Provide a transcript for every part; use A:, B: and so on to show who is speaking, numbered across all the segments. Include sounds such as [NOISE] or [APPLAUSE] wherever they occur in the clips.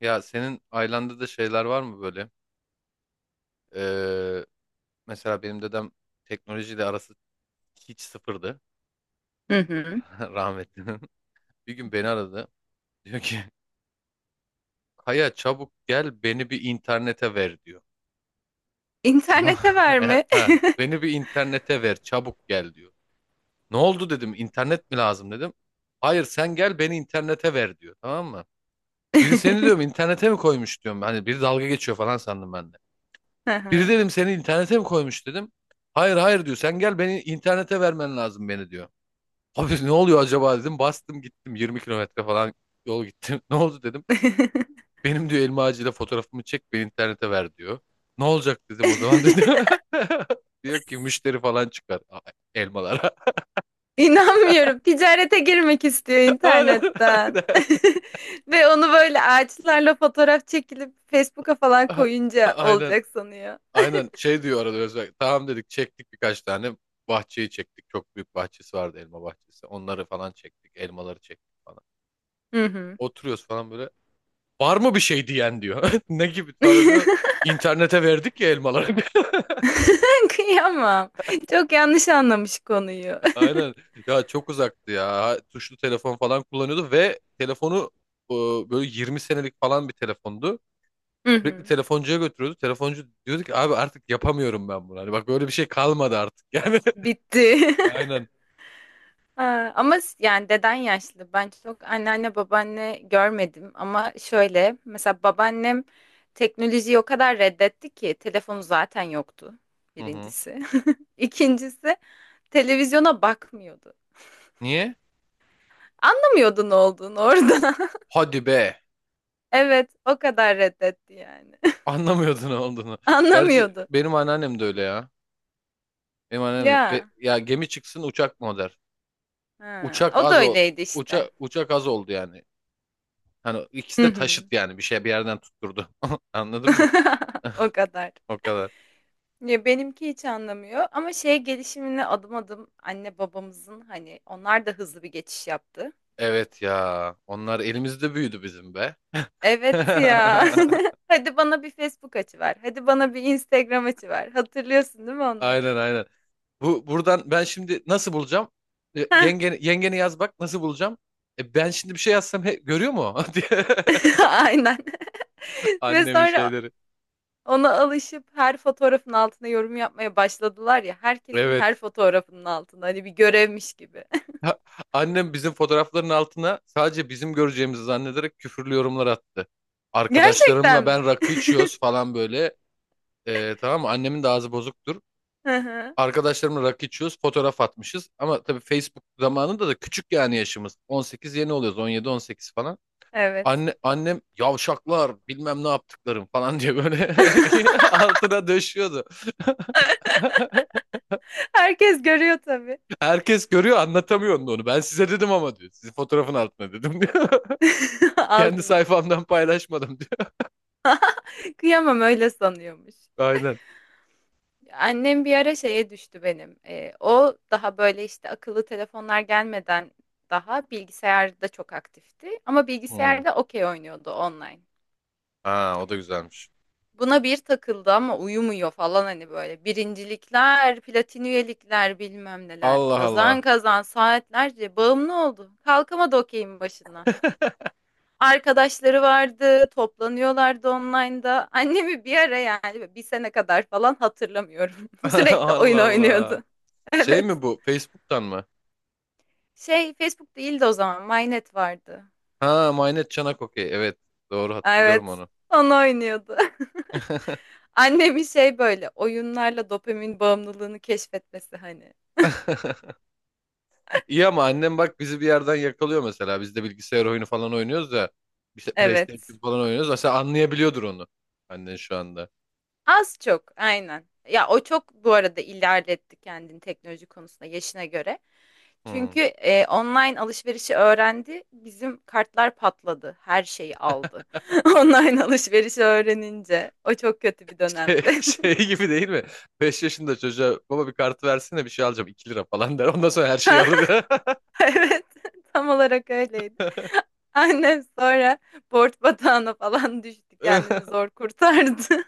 A: Ya senin ailende de şeyler var mı böyle? Ee, mesela benim dedem teknolojiyle arası hiç sıfırdı
B: Hı hı.
A: [LAUGHS] rahmetlinin. Bir gün beni aradı. Diyor ki Kaya çabuk gel beni bir internete ver diyor. Tamam.
B: İnternete
A: [LAUGHS]
B: verme. [LAUGHS]
A: Beni bir internete ver çabuk gel diyor. Ne oldu dedim internet mi lazım dedim. Hayır sen gel beni internete ver diyor tamam mı? Biri seni diyorum internete mi koymuş diyorum. Hani biri dalga geçiyor falan sandım ben de.
B: Hı
A: Biri
B: hı.
A: dedim seni internete mi koymuş dedim. Hayır hayır diyor. Sen gel beni internete vermen lazım beni diyor. Abi ne oluyor acaba dedim. Bastım gittim 20 kilometre falan yol gittim. [LAUGHS] Ne oldu dedim.
B: [LAUGHS]
A: Benim diyor elma ağacıyla fotoğrafımı çek beni internete ver diyor. Ne olacak dedim o zaman dedi. [LAUGHS] Diyor ki müşteri falan çıkar elmalara. [LAUGHS]
B: İnanmıyorum. Ticarete girmek istiyor
A: Aynen
B: internetten.
A: aynen.
B: [LAUGHS] Ve onu böyle ağaçlarla fotoğraf çekilip Facebook'a falan
A: [LAUGHS]
B: koyunca
A: Aynen
B: olacak sanıyor.
A: aynen şey diyor arada Özbek. Tamam dedik çektik birkaç tane. Bahçeyi çektik. Çok büyük bahçesi vardı elma bahçesi. Onları falan çektik. Elmaları çektik falan.
B: Hı hı.
A: Oturuyoruz falan böyle. Var mı bir şey diyen diyor. [LAUGHS] Ne gibi falan diyor.
B: [LAUGHS]
A: İnternete verdik ya elmaları. [LAUGHS]
B: Kıyamam. Çok yanlış anlamış konuyu.
A: Aynen. Ya çok uzaktı ya. Tuşlu telefon falan kullanıyordu ve telefonu e, böyle 20 senelik falan bir telefondu.
B: Hı
A: Sürekli
B: hı.
A: telefoncuya götürüyordu. Telefoncu diyordu ki abi artık yapamıyorum ben bunu. Hani bak böyle bir şey kalmadı artık. [LAUGHS] Yani
B: Bitti. [LAUGHS]
A: aynen.
B: Ha, ama yani deden yaşlı. Ben çok anneanne babaanne görmedim ama şöyle mesela babaannem teknolojiyi o kadar reddetti ki telefonu zaten yoktu
A: Hı hı.
B: birincisi. [LAUGHS] İkincisi televizyona bakmıyordu.
A: Niye?
B: Anlamıyordu ne olduğunu orada. [LAUGHS]
A: Hadi be.
B: Evet, o kadar reddetti yani.
A: Anlamıyordun ne olduğunu.
B: [LAUGHS]
A: Gerçi
B: Anlamıyordu.
A: benim anneannem de öyle ya. Benim anneannem
B: Ya,
A: ya gemi çıksın uçak mı o der.
B: ha,
A: Uçak
B: o da
A: az o.
B: öyleydi işte.
A: Uçak az oldu yani. Hani ikisi
B: Hı
A: de taşıt
B: hı.
A: yani bir şey bir yerden tutturdu. [LAUGHS] Anladın mı?
B: [LAUGHS] O
A: [LAUGHS]
B: kadar.
A: O kadar.
B: Ya benimki hiç anlamıyor ama şey gelişimine adım adım anne babamızın hani onlar da hızlı bir geçiş yaptı.
A: Evet ya. Onlar elimizde büyüdü bizim be.
B: Evet
A: [LAUGHS]
B: ya. [LAUGHS] Hadi bana bir Facebook açıver. Hadi bana bir Instagram açıver. Hatırlıyorsun değil mi onları?
A: Aynen aynen. Bu buradan ben şimdi nasıl bulacağım?
B: Heh.
A: Yengeni yaz bak nasıl bulacağım? Ben şimdi bir şey yazsam görüyor mu? [LAUGHS] diye.
B: [LAUGHS] Aynen. [LAUGHS] Ve
A: Annemin
B: sonra
A: şeyleri.
B: ona alışıp her fotoğrafın altına yorum yapmaya başladılar ya. Herkesin her
A: Evet.
B: fotoğrafının altına hani bir görevmiş gibi.
A: Ha, annem bizim fotoğrafların altına sadece bizim göreceğimizi zannederek küfürlü yorumlar attı.
B: [LAUGHS] Gerçekten
A: Arkadaşlarımla
B: mi?
A: ben rakı içiyoruz falan böyle. Tamam mı? Annemin de ağzı bozuktur.
B: Hı hı.
A: Arkadaşlarımla rakı içiyoruz, fotoğraf atmışız. Ama tabii Facebook zamanında da küçük yani yaşımız. 18 yeni oluyoruz, 17-18 falan.
B: Evet.
A: Annem yavşaklar bilmem ne yaptıklarım falan diye böyle [LAUGHS] altına döşüyordu. [LAUGHS]
B: Herkes görüyor tabii.
A: Herkes görüyor anlatamıyor onu. Ben size dedim ama diyor. Sizin fotoğrafın altına dedim diyor.
B: [LAUGHS]
A: Kendi
B: Altına.
A: sayfamdan paylaşmadım diyor.
B: Kıyamam, öyle sanıyormuş.
A: [LAUGHS] Aynen.
B: Annem bir ara şeye düştü benim. O daha böyle işte akıllı telefonlar gelmeden daha bilgisayarda çok aktifti. Ama
A: Hmm.
B: bilgisayarda okey oynuyordu online.
A: Ha, o da güzelmiş.
B: Buna bir takıldı ama uyumuyor falan hani böyle. Birincilikler, platin üyelikler bilmem neler.
A: Allah
B: Kazan
A: Allah.
B: kazan saatlerce bağımlı oldu. Kalkamadı okeyin başından. Arkadaşları vardı, toplanıyorlardı online'da. Annemi bir ara, yani bir sene kadar falan, hatırlamıyorum.
A: [LAUGHS]
B: [LAUGHS] Sürekli
A: Allah
B: oyun
A: Allah.
B: oynuyordu. [LAUGHS]
A: Şey
B: Evet.
A: mi bu? Facebook'tan mı?
B: Şey, Facebook değildi o zaman. MyNet vardı.
A: Ha, Maynet Çanak okey. Evet. Doğru hatırlıyorum
B: Evet.
A: onu.
B: Onu oynuyordu. [LAUGHS] Annemin şey, böyle oyunlarla dopamin bağımlılığını keşfetmesi hani.
A: [LAUGHS] İyi ama annem bak bizi bir yerden yakalıyor mesela. Biz de bilgisayar oyunu falan oynuyoruz da. İşte
B: Evet.
A: PlayStation falan oynuyoruz. Mesela anlayabiliyordur onu. Annen şu anda.
B: Az çok aynen. Ya o çok bu arada ilerletti kendini teknoloji konusunda yaşına göre.
A: Hmm.
B: Çünkü online alışverişi öğrendi, bizim kartlar patladı, her şeyi aldı. [LAUGHS] Online alışverişi öğrenince, o çok kötü bir dönemdi.
A: [LAUGHS]
B: [LAUGHS]
A: Şey gibi değil mi? 5 yaşında çocuğa baba bir kartı versene bir şey alacağım 2 lira falan der. Ondan sonra her şeyi alır.
B: Evet, tam olarak öyleydi. [LAUGHS] Annem sonra borç batağına falan düştü, kendini
A: [LAUGHS]
B: zor kurtardı.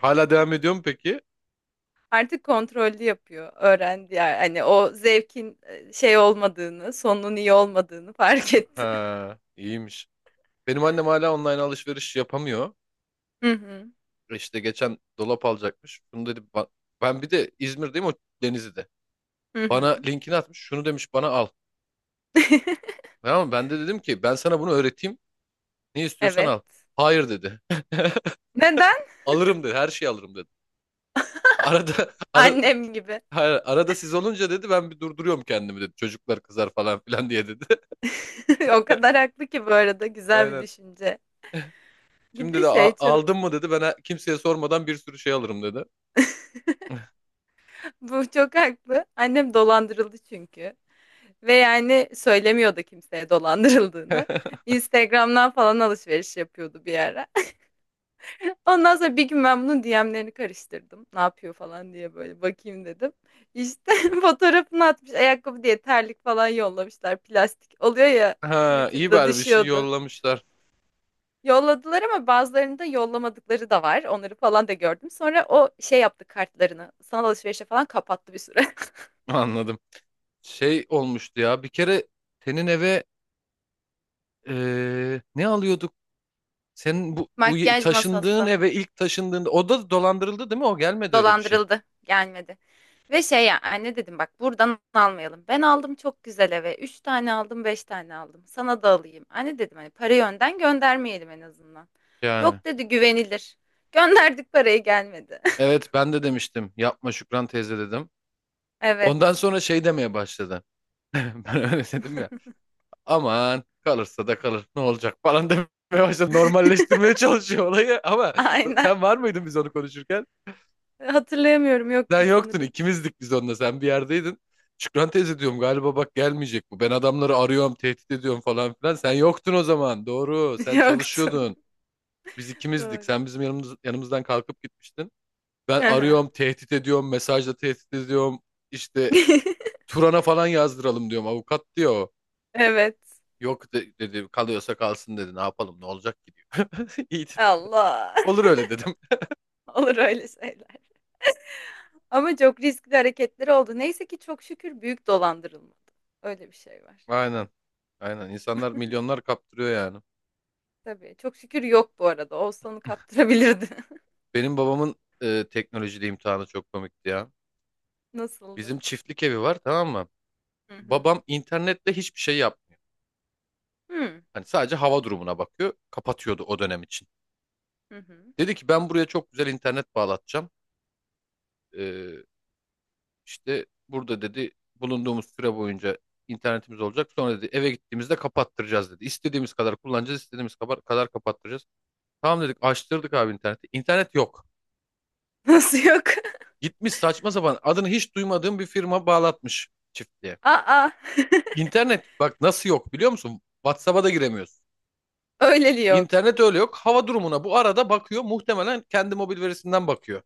A: Hala devam ediyor mu peki?
B: [LAUGHS] Artık kontrollü yapıyor, öğrendi yani. Hani o zevkin şey olmadığını, sonunun iyi olmadığını fark etti.
A: Ha, iyiymiş. Benim annem hala online alışveriş yapamıyor.
B: [LAUGHS] Hı hı,
A: İşte geçen dolap alacakmış. Bunu dedi ben bir de İzmir'deyim, o Denizli'de.
B: hı
A: Bana
B: hı.
A: linkini atmış. Şunu demiş bana al. Tamam mı? Ben de dedim ki ben sana bunu öğreteyim. Ne istiyorsan
B: Evet.
A: al. Hayır dedi.
B: Neden?
A: [LAUGHS] Alırım dedi. Her şeyi alırım dedi. Arada [LAUGHS]
B: Annem gibi.
A: hayır, arada siz olunca dedi ben bir durduruyorum kendimi dedi. Çocuklar kızar falan filan diye dedi. [LAUGHS]
B: [LAUGHS] O kadar haklı ki, bu arada güzel bir
A: Aynen.
B: düşünce. Bir
A: Şimdi
B: de
A: de
B: şey çok,
A: Aldın mı dedi. Ben kimseye sormadan bir sürü şey alırım dedi.
B: [LAUGHS] bu çok haklı. Annem dolandırıldı çünkü. Ve yani söylemiyordu kimseye dolandırıldığını.
A: [LAUGHS]
B: Instagram'dan falan alışveriş yapıyordu bir ara. [LAUGHS] Ondan sonra bir gün ben bunun DM'lerini karıştırdım. Ne yapıyor falan diye böyle bakayım dedim. İşte [LAUGHS] fotoğrafını atmış, ayakkabı diye terlik falan yollamışlar. Plastik oluyor ya,
A: Ha, iyi
B: Twitter'da
A: bari bir şey
B: düşüyordu.
A: yollamışlar.
B: Yolladılar ama bazılarını da yollamadıkları da var. Onları falan da gördüm. Sonra o şey yaptı kartlarını. Sanal alışverişe falan kapattı bir süre.
A: [LAUGHS] Anladım. Şey olmuştu ya. Bir kere senin eve ne alıyorduk? Senin bu,
B: [LAUGHS]
A: bu ye-
B: Makyaj
A: taşındığın
B: masası
A: eve ilk taşındığında o da dolandırıldı değil mi? O gelmedi öyle bir şey.
B: dolandırıldı. Gelmedi. Ve şey, ya anne dedim, bak buradan almayalım. Ben aldım çok güzel eve. Üç tane aldım, beş tane aldım. Sana da alayım. Anne dedim, hani parayı önden göndermeyelim en azından.
A: Yani.
B: Yok dedi, güvenilir. Gönderdik parayı, gelmedi. [LAUGHS]
A: Evet ben de demiştim. Yapma Şükran teyze dedim. Ondan
B: Evet.
A: sonra şey demeye başladı. [LAUGHS] Ben öyle dedim ya. Aman kalırsa da kalır. Ne olacak falan [LAUGHS] demeye başladı. Normalleştirmeye çalışıyor olayı ama
B: Aynen.
A: sen var mıydın biz onu konuşurken?
B: Hatırlayamıyorum.
A: Sen
B: Yoktum
A: yoktun
B: sanırım.
A: ikimizdik biz onunla, sen bir yerdeydin. Şükran teyze diyorum galiba bak gelmeyecek bu. Ben adamları arıyorum tehdit ediyorum falan filan. Sen yoktun o zaman, doğru,
B: [LAUGHS]
A: sen
B: Yoktum.
A: çalışıyordun. Biz
B: [LAUGHS]
A: ikimizdik,
B: Doğru.
A: sen bizim yanımızdan kalkıp gitmiştin. Ben arıyorum
B: [LAUGHS]
A: tehdit ediyorum, mesajla tehdit ediyorum. İşte
B: [LAUGHS]
A: Turan'a falan yazdıralım diyorum avukat diyor o.
B: Evet.
A: Yok dedi kalıyorsa kalsın dedi ne yapalım ne olacak ki diyor. [LAUGHS] İyi dedim.
B: Allah.
A: Olur öyle dedim.
B: [LAUGHS] Olur öyle şeyler. Ama çok riskli hareketleri oldu. Neyse ki çok şükür büyük dolandırılmadı. Öyle bir şey var.
A: Aynen aynen, insanlar milyonlar kaptırıyor yani.
B: Tabii. Çok şükür yok bu arada. Olsa onu kaptırabilirdi.
A: Benim babamın teknolojide imtihanı çok komikti ya.
B: [LAUGHS]
A: Bizim
B: Nasıldı?
A: çiftlik evi var tamam mı?
B: Hı hı.
A: Babam internetle hiçbir şey yapmıyor.
B: Hı
A: Hani sadece hava durumuna bakıyor. Kapatıyordu o dönem için.
B: hı. hı.
A: Dedi ki ben buraya çok güzel internet bağlatacağım. E, işte burada dedi bulunduğumuz süre boyunca internetimiz olacak. Sonra dedi eve gittiğimizde kapattıracağız dedi. İstediğimiz kadar kullanacağız, istediğimiz kadar kapattıracağız. Tamam dedik açtırdık abi interneti. İnternet yok.
B: Nasıl yok?
A: Gitmiş saçma sapan adını hiç duymadığım bir firma bağlatmış çiftliğe.
B: [LAUGHS] Aa.
A: İnternet bak nasıl yok biliyor musun? WhatsApp'a da giremiyorsun.
B: [LAUGHS] Öyleli yok.
A: İnternet öyle yok. Hava durumuna bu arada bakıyor. Muhtemelen kendi mobil verisinden bakıyor.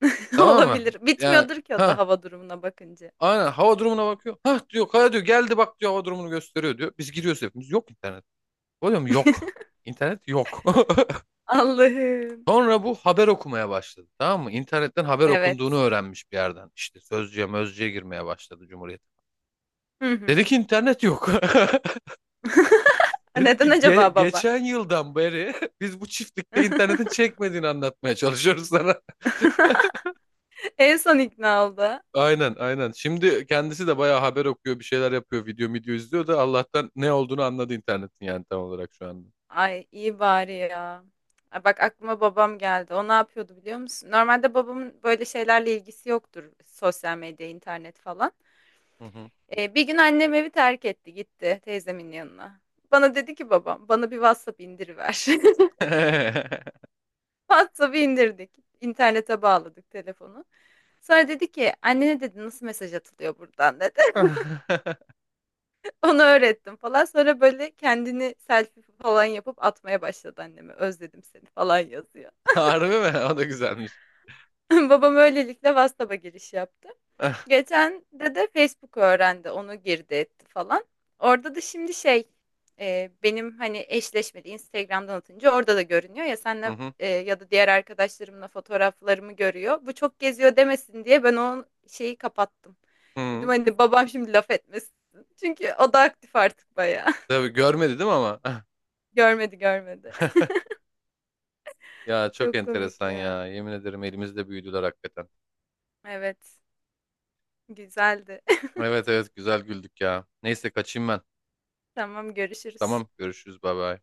B: [LAUGHS]
A: Tamam mı?
B: Olabilir.
A: Yani
B: Bitmiyordur ki o da
A: ha
B: hava durumuna bakınca.
A: aynen hava durumuna bakıyor. Ha diyor kaya diyor geldi bak diyor hava durumunu gösteriyor diyor. Biz giriyoruz hepimiz. Yok internet. Oluyor mu? Yok. İnternet yok. [LAUGHS]
B: Allah'ım.
A: Sonra bu haber okumaya başladı. Tamam mı? İnternetten haber okunduğunu
B: Evet.
A: öğrenmiş bir yerden. İşte Sözcü'ye, Mözcü'ye girmeye başladı, Cumhuriyet.
B: Hı
A: Dedi
B: hı.
A: ki internet yok. [LAUGHS]
B: [LAUGHS]
A: Dedim
B: Neden
A: ki
B: acaba baba?
A: geçen yıldan beri [LAUGHS] biz bu çiftlikte
B: [LAUGHS]
A: internetin çekmediğini anlatmaya çalışıyoruz sana." [LAUGHS]
B: En son ikna oldu.
A: Aynen aynen. Şimdi kendisi de bayağı haber okuyor, bir şeyler yapıyor, video video izliyor da Allah'tan ne olduğunu anladı internetin yani, tam olarak şu anda.
B: Ay iyi bari ya. Ay, bak, aklıma babam geldi. O ne yapıyordu biliyor musun? Normalde babamın böyle şeylerle ilgisi yoktur. Sosyal medya, internet falan.
A: Hı hı.
B: Bir gün annem evi terk etti, gitti teyzemin yanına. Bana dedi ki babam, bana bir WhatsApp indiriver. [LAUGHS]
A: [LAUGHS]
B: WhatsApp'ı indirdik. İnternete bağladık telefonu. Sonra dedi ki annene, dedi nasıl mesaj atılıyor buradan dedi. [LAUGHS] Onu öğrettim falan. Sonra böyle kendini selfie falan yapıp atmaya başladı anneme. Özledim seni falan yazıyor.
A: Harbi mi? O da güzelmiş.
B: [LAUGHS] Babam öylelikle WhatsApp'a giriş yaptı.
A: [LAUGHS]
B: Geçen de de Facebook'u öğrendi. Onu girdi etti falan. Orada da şimdi şey, benim hani eşleşmedi Instagram'dan atınca orada da görünüyor ya
A: Hı
B: senle,
A: hı.
B: ya da diğer arkadaşlarımla fotoğraflarımı görüyor. Bu çok geziyor demesin diye ben o şeyi kapattım. Dedim
A: Hı.
B: hani babam şimdi laf etmesin. Çünkü o da aktif artık bayağı. [LAUGHS]
A: Tabii görmedi değil mi ama?
B: Görmedi, görmedi.
A: [LAUGHS] Ya çok
B: Çok komik
A: enteresan
B: ya.
A: ya. Yemin ederim elimizde büyüdüler hakikaten.
B: Evet. Güzeldi.
A: Evet evet güzel güldük ya. Neyse kaçayım ben.
B: [LAUGHS] Tamam, görüşürüz.
A: Tamam görüşürüz, bay bay.